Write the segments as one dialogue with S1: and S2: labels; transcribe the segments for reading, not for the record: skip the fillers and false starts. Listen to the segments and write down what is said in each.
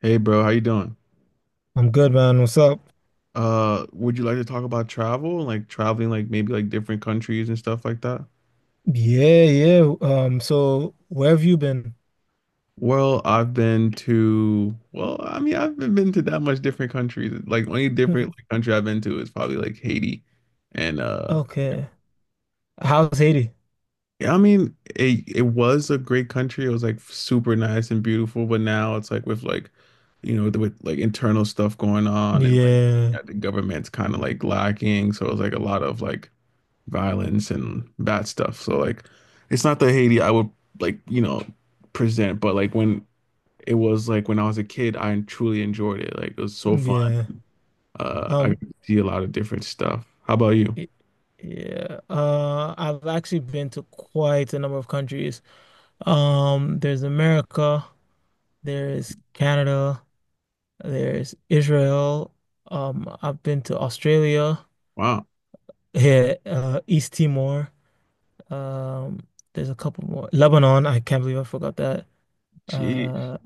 S1: Hey bro, how you doing?
S2: I'm good, man. What's up?
S1: Would you like to talk about travel, like traveling, like maybe like different countries and stuff like that?
S2: Yeah, yeah. So where have you been?
S1: Well, I've been to, well, I mean, I haven't been to that much different countries. Like only different like, country I've been to is probably like Haiti, and yeah.
S2: Okay. How's Haiti?
S1: Yeah, I mean, it was a great country. It was like super nice and beautiful, but now it's like with like, you know, with like internal stuff going on and like
S2: Yeah,
S1: yeah, the government's kind of like lacking, so it's like a lot of like violence and bad stuff. So like it's not the Haiti I would like, you know, present, but like when it was like when I was a kid, I truly enjoyed it. Like it was so fun.
S2: yeah.
S1: I got
S2: Um,
S1: to see a lot of different stuff. How about you?
S2: y- yeah. I've actually been to quite a number of countries. There's America, there's Canada, there's Israel. I've been to Australia,
S1: Wow.
S2: yeah, East Timor. Um, there's a couple more. Lebanon, I can't believe I forgot that.
S1: Geez.
S2: Uh,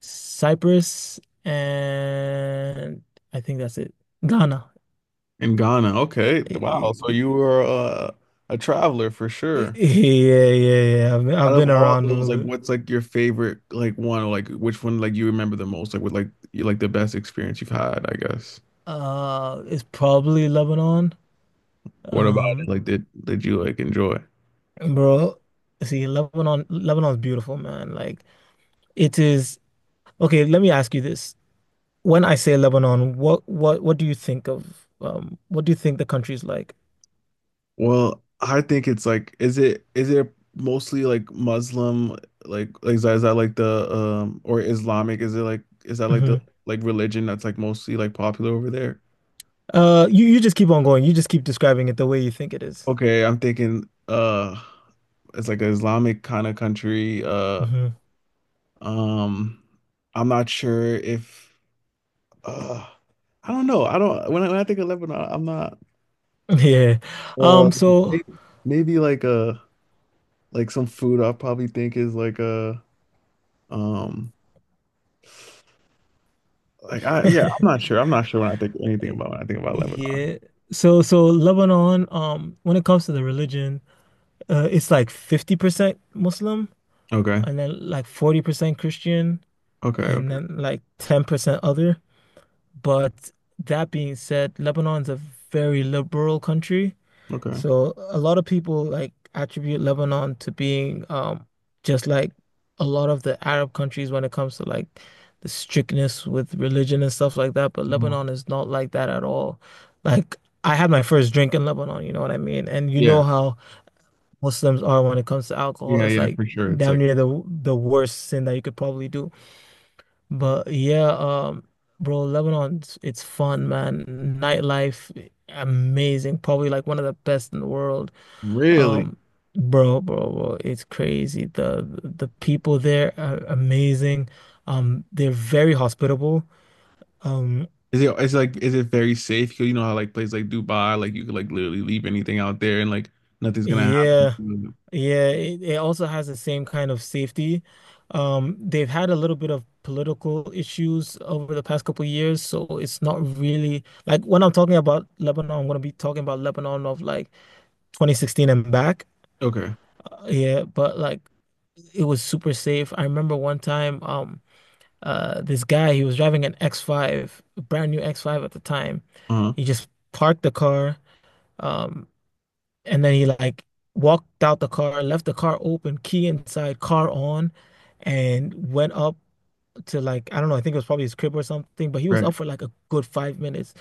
S2: Cyprus, and I think that's it. Ghana.
S1: In Ghana. Okay.
S2: Eh,
S1: Wow. So
S2: eh,
S1: you were a traveler for sure.
S2: Yeah, yeah, yeah.
S1: Out
S2: I've
S1: of
S2: been
S1: all
S2: around a
S1: those, like
S2: little bit.
S1: what's like your favorite like one or like which one like you remember the most? Like with like you like the best experience you've had, I guess.
S2: It's probably Lebanon.
S1: What about it?
S2: Um,
S1: Like did you like enjoy?
S2: Bro, see, Lebanon's beautiful, man. Like it is. Okay, let me ask you this. When I say Lebanon, what do you think of? What do you think the country's like?
S1: Well, I think it's like, is it mostly like Muslim, like is that like the or Islamic? Is it like is that like the
S2: Hmm.
S1: like religion that's like mostly like popular over there?
S2: You just keep on going. You just keep describing it the way you think it is.
S1: Okay, I'm thinking it's like an Islamic kind of country.
S2: Mm-hmm.
S1: Um I'm not sure if uh I don't know. I don't when I think of Lebanon, I'm not
S2: Yeah.
S1: uh
S2: Um, so
S1: maybe, maybe like some food I probably think is like um like I yeah, I'm not sure. I'm not sure when I think anything about when I think about Lebanon.
S2: yeah. So Lebanon, when it comes to the religion, it's like 50% Muslim
S1: Okay.
S2: and then like 40% Christian
S1: Okay.
S2: and
S1: Okay.
S2: then like 10% other. But that being said, Lebanon's a very liberal country.
S1: Okay.
S2: So a lot of people like attribute Lebanon to being just like a lot of the Arab countries when it comes to like the strictness with religion and stuff like that, but
S1: Mm.
S2: Lebanon is not like that at all. Like I had my first drink in Lebanon, you know what I mean? And you
S1: Yeah.
S2: know how Muslims are when it comes to alcohol.
S1: Yeah.
S2: It's
S1: Yeah.
S2: like
S1: For sure. It's
S2: damn
S1: like
S2: near the worst sin that you could probably do. But yeah, bro, Lebanon, it's fun, man. Nightlife, amazing. Probably like one of the best in the world.
S1: really.
S2: Um, Bro, it's crazy. The people there are amazing. They're very hospitable. Um,
S1: Is it? It's like. Is it very safe? 'Cause you know how like places like Dubai, like you could like literally leave anything out there and like nothing's gonna
S2: yeah,
S1: happen.
S2: yeah. It also has the same kind of safety. They've had a little bit of political issues over the past couple of years, so it's not really like when I'm talking about Lebanon, I'm gonna be talking about Lebanon of like 2016 and back.
S1: Okay.
S2: Yeah, but like it was super safe. I remember one time, this guy, he was driving an X5, a brand new X5 at the time.
S1: Uh-huh.
S2: He just parked the car, um and then he like walked out the car, left the car open, key inside, car on, and went up to, like, I don't know, I think it was probably his crib or something, but he was
S1: Right.
S2: up for like a good 5 minutes,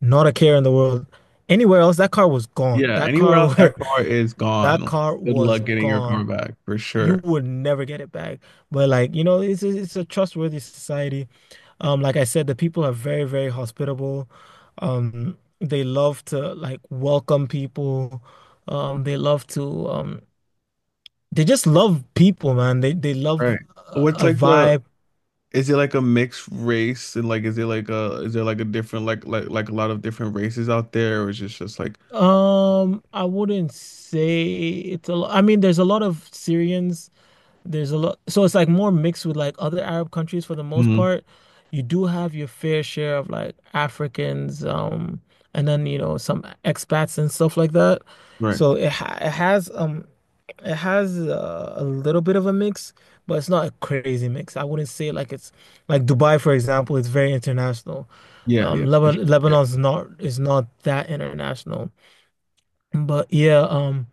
S2: not a care in the world. Anywhere else, that car was gone.
S1: Yeah.
S2: That
S1: Anywhere
S2: car
S1: else, that car is
S2: That
S1: gone.
S2: car
S1: Good
S2: was
S1: luck getting your car
S2: gone.
S1: back for
S2: You
S1: sure.
S2: would never get it back. But like, you know, it's it's a trustworthy society. Like I said, the people are very, very hospitable. They love to like welcome people. Um, they love to um, they just love people, man. They love
S1: Right. What's
S2: a
S1: like the
S2: vibe.
S1: is it like a mixed race and like is it like a is there like a different like a lot of different races out there or is it just like
S2: I wouldn't say it's a lot. I mean, there's a lot of Syrians. There's a lot, so it's like more mixed with like other Arab countries for the most
S1: mhm.
S2: part. You do have your fair share of like Africans, and then you know some expats and stuff like that.
S1: Right.
S2: So it has a little bit of a mix, but it's not a crazy mix. I wouldn't say like it's like Dubai, for example, it's very international.
S1: Yeah, yeah, for sure. Yeah.
S2: Lebanon's not is not that international, but yeah. um.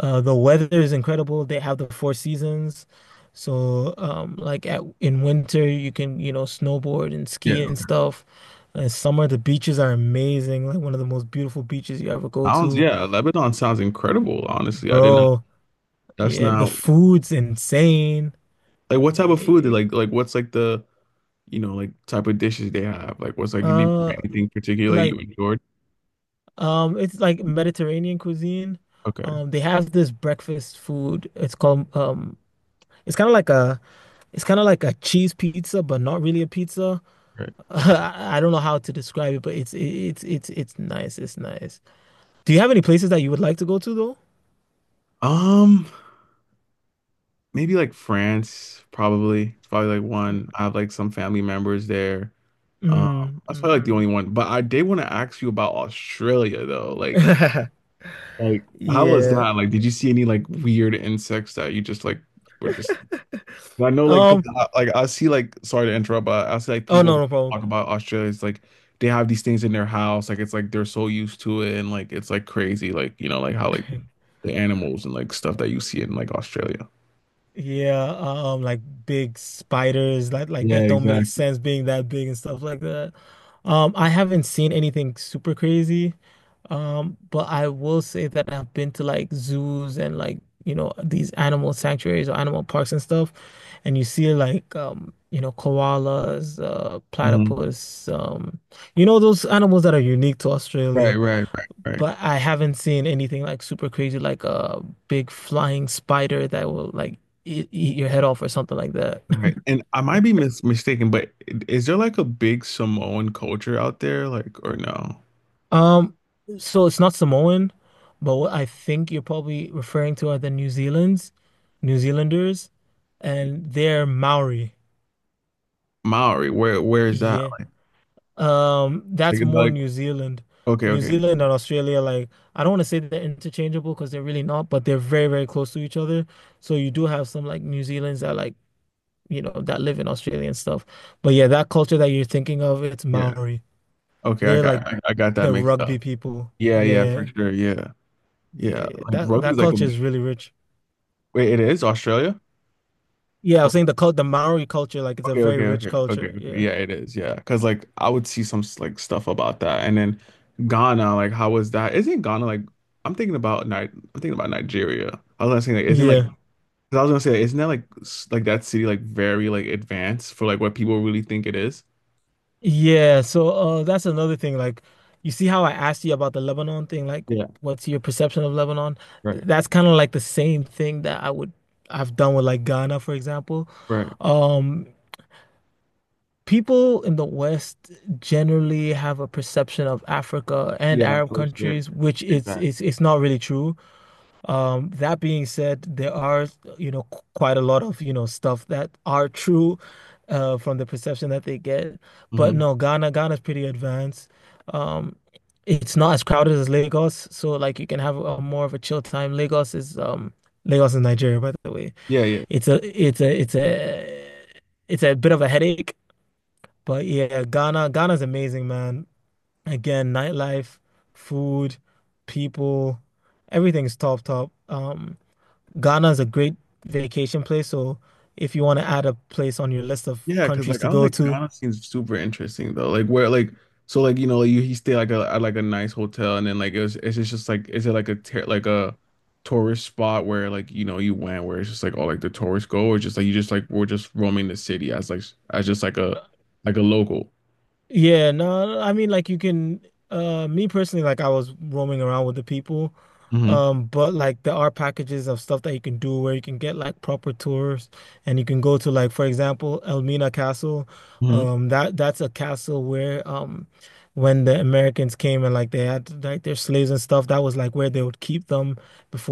S2: Uh, The weather is incredible. They have the four seasons. So, like at in winter, you can, you know, snowboard and
S1: Yeah.
S2: ski and
S1: Okay.
S2: stuff. In summer, the beaches are amazing. Like one of the most beautiful beaches you ever go
S1: Sounds
S2: to.
S1: yeah, Lebanon sounds incredible, honestly. I didn't
S2: Bro,
S1: that's
S2: yeah, the
S1: not
S2: food's insane.
S1: like what type of
S2: Eh,
S1: food they like what's like the you know like type of dishes they have? Like what's like do
S2: Uh,
S1: anything particular like,
S2: like,
S1: you enjoyed?
S2: it's like Mediterranean cuisine.
S1: Okay,
S2: They have this breakfast food. It's called, it's kind of like a, it's kind of like a cheese pizza, but not really a pizza.
S1: right.
S2: I don't know how to describe it, but it's nice. It's nice. Do you have any places that you would like to go to though?
S1: Um, Maybe like France, probably. It's probably like one. I have like some family members there.
S2: Mm,
S1: That's probably
S2: mm.
S1: like the only one. But I did want to ask you about Australia though. Like how was
S2: Yeah.
S1: that? Like, did you see any like weird insects that you just like were just? I know like 'cause
S2: Um.
S1: I, like I see like sorry to interrupt, but I see like
S2: Oh
S1: people
S2: no, no problem.
S1: talk about Australia. It's like they have these things in their house. Like it's like they're so used to it, and like it's like crazy. Like you know like how like the animals and like stuff that you see in like Australia.
S2: Yeah. Like big spiders, like
S1: Yeah,
S2: that don't make
S1: exactly.
S2: sense being that big and stuff like that. I haven't seen anything super crazy. But I will say that I've been to like zoos and like, you know, these animal sanctuaries or animal parks and stuff, and you see like, you know, koalas,
S1: Hmm.
S2: platypus, you know, those animals that are unique to
S1: Right,
S2: Australia.
S1: right, right, right.
S2: But I haven't seen anything like super crazy, like a big flying spider that will like eat your head off or something like that.
S1: Right. And I might be mis mistaken, but is there like a big Samoan culture out there? Like, or no?
S2: Um, so it's not Samoan, but what I think you're probably referring to are the New Zealands, New Zealanders, and they're Maori.
S1: Maori, where is that?
S2: Yeah.
S1: Like,
S2: That's
S1: it's
S2: more
S1: like
S2: New Zealand.
S1: okay,
S2: New
S1: okay.
S2: Zealand and Australia, like I don't want to say that they're interchangeable because they're really not, but they're very, very close to each other. So you do have some like New Zealanders that like, you know, that live in Australia and stuff. But yeah, that culture that you're thinking of, it's
S1: Yeah.
S2: Maori.
S1: Okay, I
S2: They're
S1: got
S2: like
S1: I, I got that
S2: the
S1: mixed up.
S2: rugby people.
S1: Yeah, yeah, for
S2: Yeah.
S1: sure. Yeah. Yeah.
S2: Yeah,
S1: Like
S2: that that
S1: rugby's like a
S2: culture is really rich.
S1: wait, it is Australia?
S2: Yeah, I
S1: Or-
S2: was saying the Maori culture, like it's a
S1: okay,
S2: very
S1: okay,
S2: rich
S1: okay, okay,
S2: culture.
S1: okay.
S2: Yeah.
S1: Yeah, it is. Yeah, because like I would see some like stuff about that. And then Ghana, like how was that? Isn't Ghana like I'm thinking about Ni I'm thinking about Nigeria. I was gonna say like isn't like
S2: Yeah.
S1: 'cause I was gonna say, isn't that like s- like that city like very like advanced for like what people really think it is?
S2: Yeah, so that's another thing. Like you see how I asked you about the Lebanon thing, like
S1: Yeah,
S2: what's your perception of Lebanon?
S1: right,
S2: That's kind of like the same thing that I've done with like Ghana, for example.
S1: right.
S2: Um People in the West generally have a perception of Africa and
S1: Yeah,
S2: Arab
S1: for sure.
S2: countries, which
S1: Exactly.
S2: it's not really true. That being said, there are, you know, quite a lot of, you know, stuff that are true, from the perception that they get. But
S1: Hmm.
S2: no, Ghana's pretty advanced. Um, it's not as crowded as Lagos, so like you can have a more of a chill time. Lagos is Nigeria, by the way.
S1: Yeah, yeah.
S2: It's a it's a it's a it's a bit of a headache, but yeah, Ghana's amazing, man. Again, nightlife, food, people, everything's top. Ghana is a great vacation place. So if you want to add a place on your list of
S1: Yeah, because
S2: countries
S1: like
S2: to
S1: I was
S2: go
S1: like
S2: to,
S1: Ghana seems super interesting though. Like where like so like you know like, you he stay like a at like a nice hotel and then like it was it's just like is it like a ter like a tourist spot where like you know you went where it's just like all like the tourists go or just like you just like we're just roaming the city as like as just like a local.
S2: yeah, no, I mean like you can, me personally, like I was roaming around with the people.
S1: Hmm.
S2: But like there are packages of stuff that you can do where you can get like proper tours, and you can go to, like, for example, Elmina Castle.
S1: Hmm.
S2: That that's a castle where, when the Americans came and like they had like their slaves and stuff, that was like where they would keep them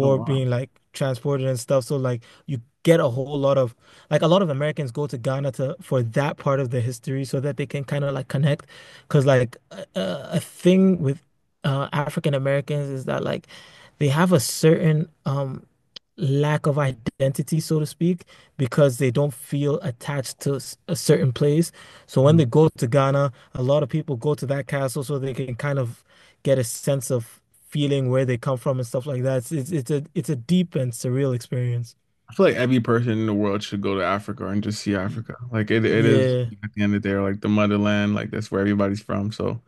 S1: Oh wow.
S2: being like transported and stuff. So like you get a whole lot of, like, a lot of Americans go to Ghana to for that part of the history so that they can kind of like connect. Because like a thing with African Americans is that like they have a certain, lack of identity, so to speak, because they don't feel attached to a certain place. So when they go to Ghana, a lot of people go to that castle so they can kind of get a sense of feeling where they come from and stuff like that. It's a deep and surreal experience.
S1: I feel like every person in the world should go to Africa and just see
S2: Y-
S1: Africa. Like it is
S2: Yeah,
S1: at the end of the day, like the motherland, like that's where everybody's from. So, you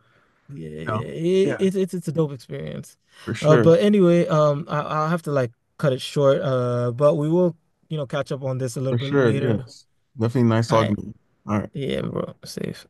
S2: yeah,
S1: know, yeah,
S2: it's it's a dope experience.
S1: for sure,
S2: But anyway, I'll have to like cut it short. But we will, you know, catch up on this a
S1: for
S2: little bit
S1: sure,
S2: later.
S1: yes, definitely nice
S2: All
S1: talking
S2: right.
S1: to you. All right.
S2: Yeah, bro. Safe.